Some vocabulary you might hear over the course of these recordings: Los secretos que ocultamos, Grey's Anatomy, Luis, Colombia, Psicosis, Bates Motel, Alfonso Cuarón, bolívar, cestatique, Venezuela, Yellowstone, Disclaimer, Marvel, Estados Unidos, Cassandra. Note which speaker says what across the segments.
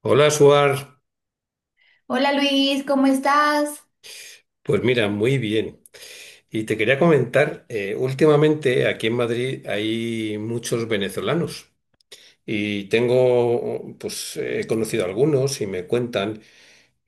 Speaker 1: Hola, Suar.
Speaker 2: Hola Luis, ¿cómo estás?
Speaker 1: Pues mira, muy bien. Y te quería comentar, últimamente aquí en Madrid hay muchos venezolanos y tengo, pues he conocido algunos y me cuentan.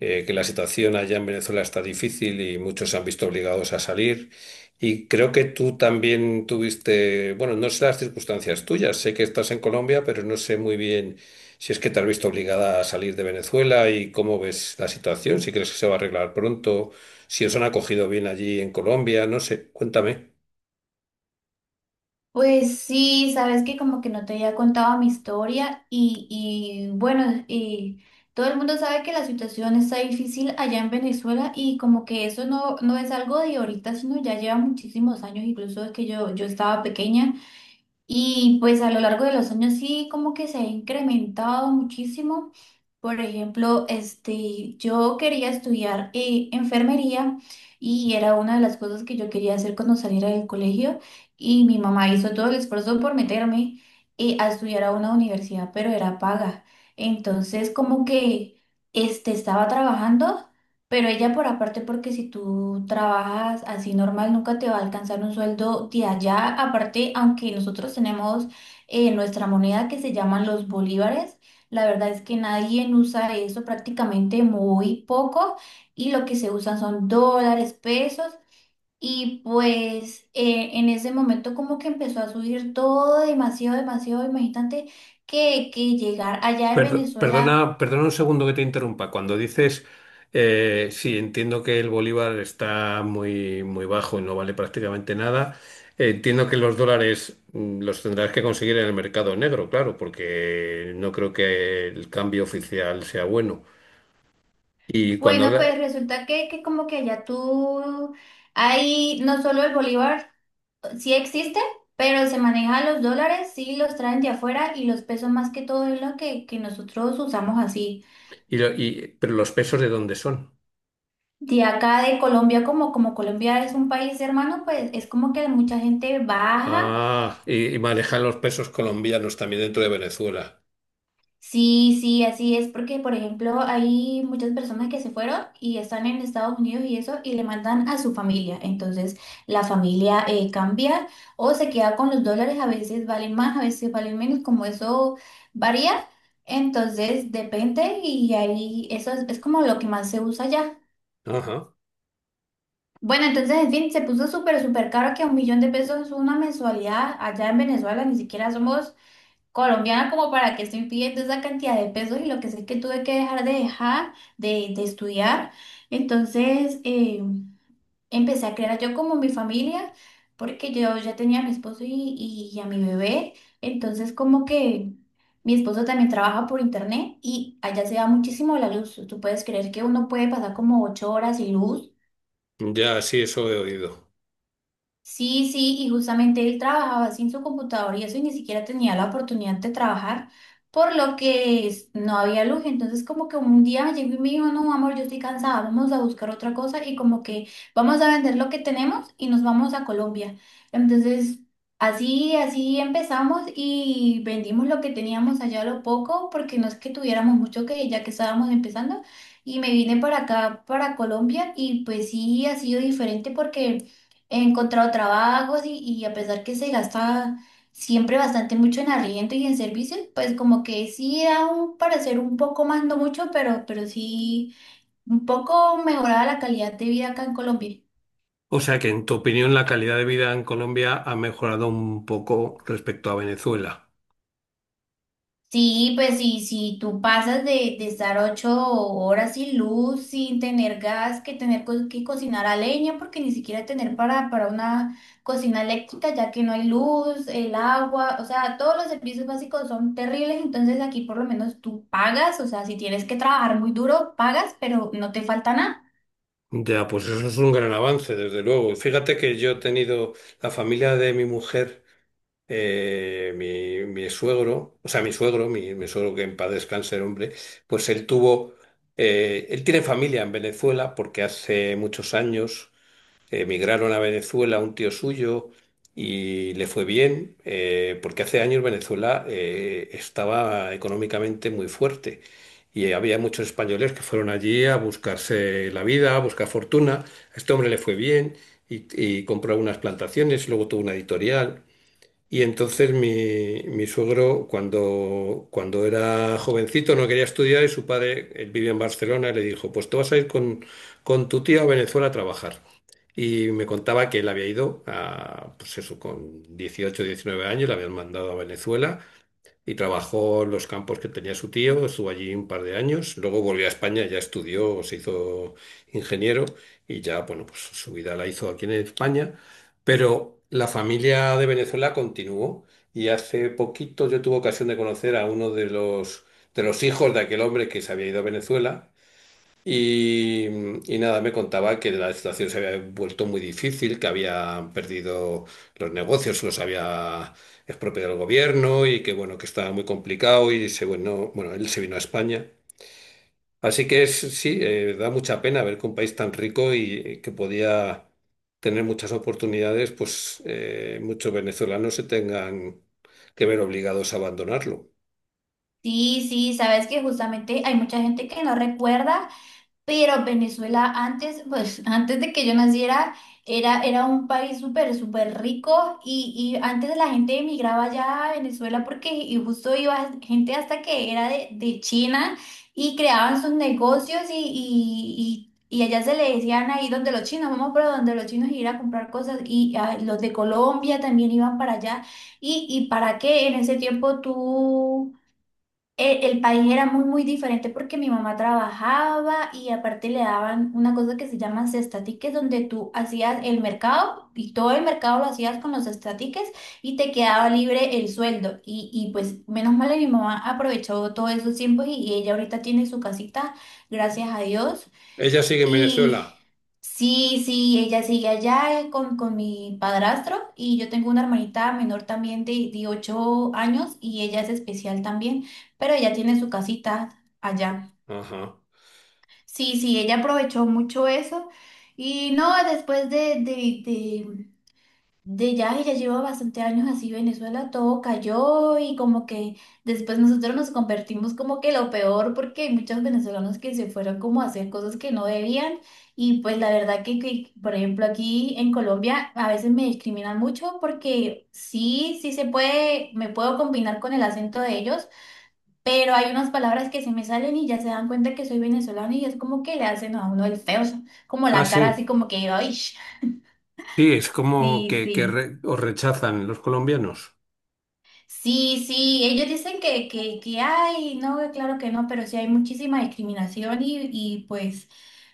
Speaker 1: Que la situación allá en Venezuela está difícil y muchos se han visto obligados a salir. Y creo que tú también tuviste, bueno, no sé las circunstancias tuyas, sé que estás en Colombia, pero no sé muy bien si es que te has visto obligada a salir de Venezuela y cómo ves la situación, si crees que se va a arreglar pronto, si os han acogido bien allí en Colombia, no sé, cuéntame.
Speaker 2: Pues sí, sabes que como que no te había contado mi historia y bueno, y todo el mundo sabe que la situación está difícil allá en Venezuela y como que eso no, no es algo de ahorita, sino ya lleva muchísimos años, incluso es que yo estaba pequeña. Y pues a lo largo de los años sí como que se ha incrementado muchísimo. Por ejemplo, este, yo quería estudiar enfermería y era una de las cosas que yo quería hacer cuando saliera del colegio y mi mamá hizo todo el esfuerzo por meterme a estudiar a una universidad, pero era paga. Entonces como que este, estaba trabajando. Pero ella por aparte, porque si tú trabajas así normal, nunca te va a alcanzar un sueldo de allá. Aparte, aunque nosotros tenemos nuestra moneda que se llaman los bolívares, la verdad es que nadie usa eso prácticamente muy poco y lo que se usan son dólares, pesos. Y pues en ese momento como que empezó a subir todo demasiado, demasiado, imagínate que llegar allá en Venezuela.
Speaker 1: Perdona, perdona un segundo que te interrumpa. Cuando dices, sí, entiendo que el bolívar está muy, muy bajo y no vale prácticamente nada, entiendo que los dólares los tendrás que conseguir en el mercado negro, claro, porque no creo que el cambio oficial sea bueno. Y cuando
Speaker 2: Bueno,
Speaker 1: habla,
Speaker 2: pues resulta que como que allá tú, ahí no solo el bolívar sí existe, pero se maneja los dólares, sí los traen de afuera y los pesos más que todo es lo que nosotros usamos así.
Speaker 1: pero ¿los pesos de dónde son?
Speaker 2: De acá de Colombia, como Colombia es un país hermano, pues es como que mucha gente baja.
Speaker 1: Ah, ¿y, y manejan los pesos colombianos también dentro de Venezuela?
Speaker 2: Sí, sí, así es, porque por ejemplo hay muchas personas que se fueron y están en Estados Unidos y eso y le mandan a su familia, entonces la familia cambia o se queda con los dólares, a veces valen más, a veces valen menos, como eso varía, entonces depende y ahí eso es como lo que más se usa allá.
Speaker 1: Ajá.
Speaker 2: Bueno, entonces en fin, se puso súper, súper caro que un millón de pesos es una mensualidad allá en Venezuela, ni siquiera somos colombiana como para que estoy pidiendo esa cantidad de pesos y lo que sé es que tuve que dejar de estudiar. Entonces empecé a crear yo como mi familia porque yo ya tenía a mi esposo y a mi bebé. Entonces como que mi esposo también trabaja por internet y allá se da muchísimo la luz. ¿Tú puedes creer que uno puede pasar como 8 horas sin luz?
Speaker 1: Ya, sí, eso he oído.
Speaker 2: Sí, sí, y justamente él trabajaba sin su computador y eso y ni siquiera tenía la oportunidad de trabajar, por lo que no había luz. Entonces como que un día llegó y me dijo, no, amor, yo estoy cansada, vamos a buscar otra cosa y como que vamos a vender lo que tenemos y nos vamos a Colombia. Entonces así, así empezamos y vendimos lo que teníamos allá a lo poco, porque no es que tuviéramos mucho que ya que estábamos empezando. Y me vine para acá, para Colombia, y pues sí ha sido diferente porque he encontrado trabajos y a pesar que se gasta siempre bastante mucho en arriendo y en servicios, pues como que sí da un parecer un poco más, no mucho, pero sí un poco mejorada la calidad de vida acá en Colombia.
Speaker 1: ¿O sea que en tu opinión la calidad de vida en Colombia ha mejorado un poco respecto a Venezuela?
Speaker 2: Sí, pues sí, si tú pasas de estar 8 horas sin luz, sin tener gas, que tener que cocinar a leña, porque ni siquiera tener para una cocina eléctrica, ya que no hay luz, el agua, o sea, todos los servicios básicos son terribles, entonces aquí por lo menos tú pagas, o sea, si tienes que trabajar muy duro, pagas, pero no te falta nada.
Speaker 1: Ya, pues eso es un gran avance, desde luego. Fíjate que yo he tenido la familia de mi mujer, mi suegro, o sea, mi suegro, mi suegro que en paz descanse el hombre, pues él tuvo, él tiene familia en Venezuela porque hace muchos años emigraron a Venezuela un tío suyo y le fue bien, porque hace años Venezuela estaba económicamente muy fuerte y había muchos españoles que fueron allí a buscarse la vida, a buscar fortuna. A este hombre le fue bien y compró unas plantaciones, luego tuvo una editorial. Y entonces mi suegro, cuando era jovencito, no quería estudiar y su padre, él vivía en Barcelona, y le dijo, pues tú vas a ir con tu tía a Venezuela a trabajar. Y me contaba que él había ido a, pues eso, con 18 19 años, le habían mandado a Venezuela y trabajó en los campos que tenía su tío, estuvo allí un par de años, luego volvió a España, ya estudió, se hizo ingeniero y ya, bueno, pues su vida la hizo aquí en España, pero la familia de Venezuela continuó y hace poquito yo tuve ocasión de conocer a uno de los hijos de aquel hombre que se había ido a Venezuela y, y nada, me contaba que la situación se había vuelto muy difícil, que había perdido los negocios, los había expropiado el gobierno y que bueno, que estaba muy complicado y se bueno, él se vino a España. Así que es, sí, da mucha pena ver que un país tan rico y que podía tener muchas oportunidades, pues muchos venezolanos se tengan que ver obligados a abandonarlo.
Speaker 2: Sí, sí, sabes que justamente hay mucha gente que no recuerda. Pero Venezuela antes, pues antes de que yo naciera, era un país súper, súper rico y antes la gente emigraba allá a Venezuela porque y justo iba gente hasta que era de China y creaban sus negocios y allá se le decían ahí donde los chinos, vamos por donde los chinos y ir a comprar cosas y ah, los de Colombia también iban para allá. ¿Y para qué en ese tiempo tú? El país era muy, muy diferente porque mi mamá trabajaba y aparte le daban una cosa que se llama cestatiques, donde tú hacías el mercado y todo el mercado lo hacías con los cestatiques y te quedaba libre el sueldo. Y pues menos mal que mi mamá aprovechó todos esos tiempos y ella ahorita tiene su casita, gracias a Dios.
Speaker 1: ¿Ella sigue en Venezuela?
Speaker 2: Sí, sí, ella sigue allá con mi padrastro y yo tengo una hermanita menor también de 8 años y ella es especial también, pero ella tiene su casita allá.
Speaker 1: Ajá.
Speaker 2: Sí, sí, ella aprovechó mucho eso y no, después de ya, y ya lleva bastante años así, Venezuela todo cayó y como que después nosotros nos convertimos como que lo peor porque hay muchos venezolanos que se fueron como a hacer cosas que no debían y pues la verdad que, por ejemplo aquí en Colombia a veces me discriminan mucho porque sí, sí se puede, me puedo combinar con el acento de ellos, pero hay unas palabras que se me salen y ya se dan cuenta que soy venezolano y es como que le hacen a uno el feo, como
Speaker 1: Ah,
Speaker 2: la cara
Speaker 1: sí.
Speaker 2: así como que, ¡ay!
Speaker 1: Sí, es como
Speaker 2: Sí,
Speaker 1: que
Speaker 2: sí.
Speaker 1: os rechazan los colombianos.
Speaker 2: Sí, sí, ellos dicen que hay, no, claro que no, pero sí hay muchísima discriminación y pues,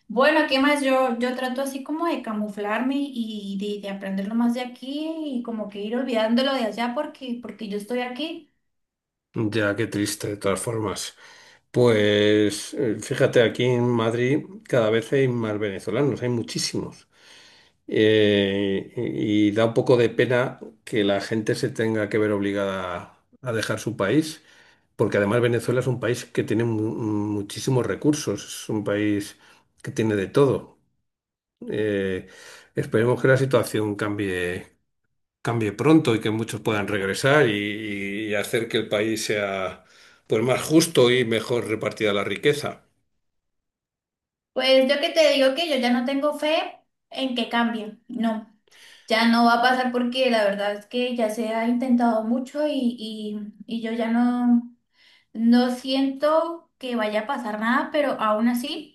Speaker 2: bueno, ¿qué más? Yo trato así como de camuflarme y de aprender lo más de aquí y como que ir olvidándolo de allá porque yo estoy aquí.
Speaker 1: Ya, qué triste, de todas formas. Pues fíjate, aquí en Madrid cada vez hay más venezolanos, hay muchísimos. Y da un poco de pena que la gente se tenga que ver obligada a, dejar su país, porque además Venezuela es un país que tiene muchísimos recursos, es un país que tiene de todo. Eh, Esperemos que la situación cambie. Cambie pronto y que muchos puedan regresar y hacer que el país sea pues más justo y mejor repartida la riqueza.
Speaker 2: Pues yo que te digo que yo ya no tengo fe en que cambie, no, ya no va a pasar porque la verdad es que ya se ha intentado mucho y, y yo ya no, no siento que vaya a pasar nada, pero aún así.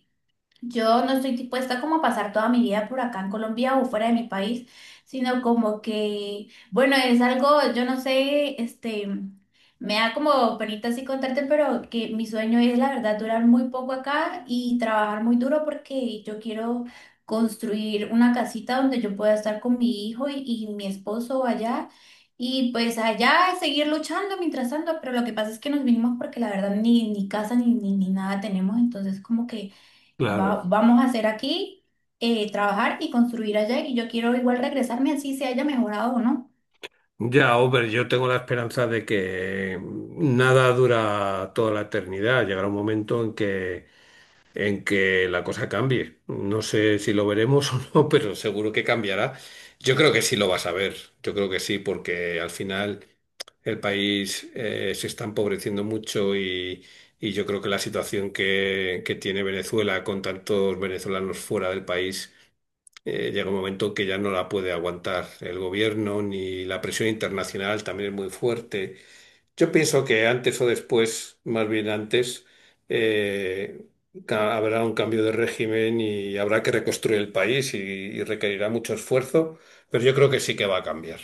Speaker 2: Yo no estoy dispuesta como a pasar toda mi vida por acá en Colombia o fuera de mi país, sino como que, bueno, es algo, yo no sé, este, me da como penita así contarte, pero que mi sueño es la verdad durar muy poco acá y trabajar muy duro porque yo quiero construir una casita donde yo pueda estar con mi hijo y mi esposo allá y pues allá seguir luchando mientras tanto, pero lo que pasa es que nos vinimos porque la verdad ni casa ni nada tenemos, entonces como que
Speaker 1: Claro.
Speaker 2: vamos a hacer aquí, trabajar y construir allá y yo quiero igual regresarme así se haya mejorado o no.
Speaker 1: Ya, hombre, yo tengo la esperanza de que nada dura toda la eternidad. Llegará un momento en que la cosa cambie. No sé si lo veremos o no, pero seguro que cambiará. Yo creo que sí lo vas a ver. Yo creo que sí, porque al final. El país se está empobreciendo mucho y yo creo que la situación que tiene Venezuela con tantos venezolanos fuera del país llega un momento que ya no la puede aguantar el gobierno ni la presión internacional también es muy fuerte. Yo pienso que antes o después, más bien antes, eh, habrá un cambio de régimen y habrá que reconstruir el país y requerirá mucho esfuerzo, pero yo creo que sí que va a cambiar.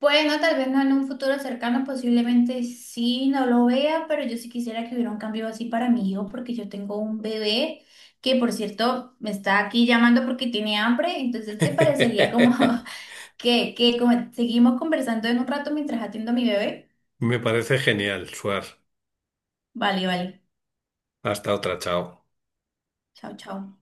Speaker 2: Bueno, tal vez no en un futuro cercano, posiblemente sí, no lo vea, pero yo sí quisiera que hubiera un cambio así para mi hijo porque yo tengo un bebé que por cierto me está aquí llamando porque tiene hambre, entonces te parecería como seguimos conversando en un rato mientras atiendo a mi bebé.
Speaker 1: Me parece genial, Suar.
Speaker 2: Vale, vale.
Speaker 1: Hasta otra, chao.
Speaker 2: Chao, chao.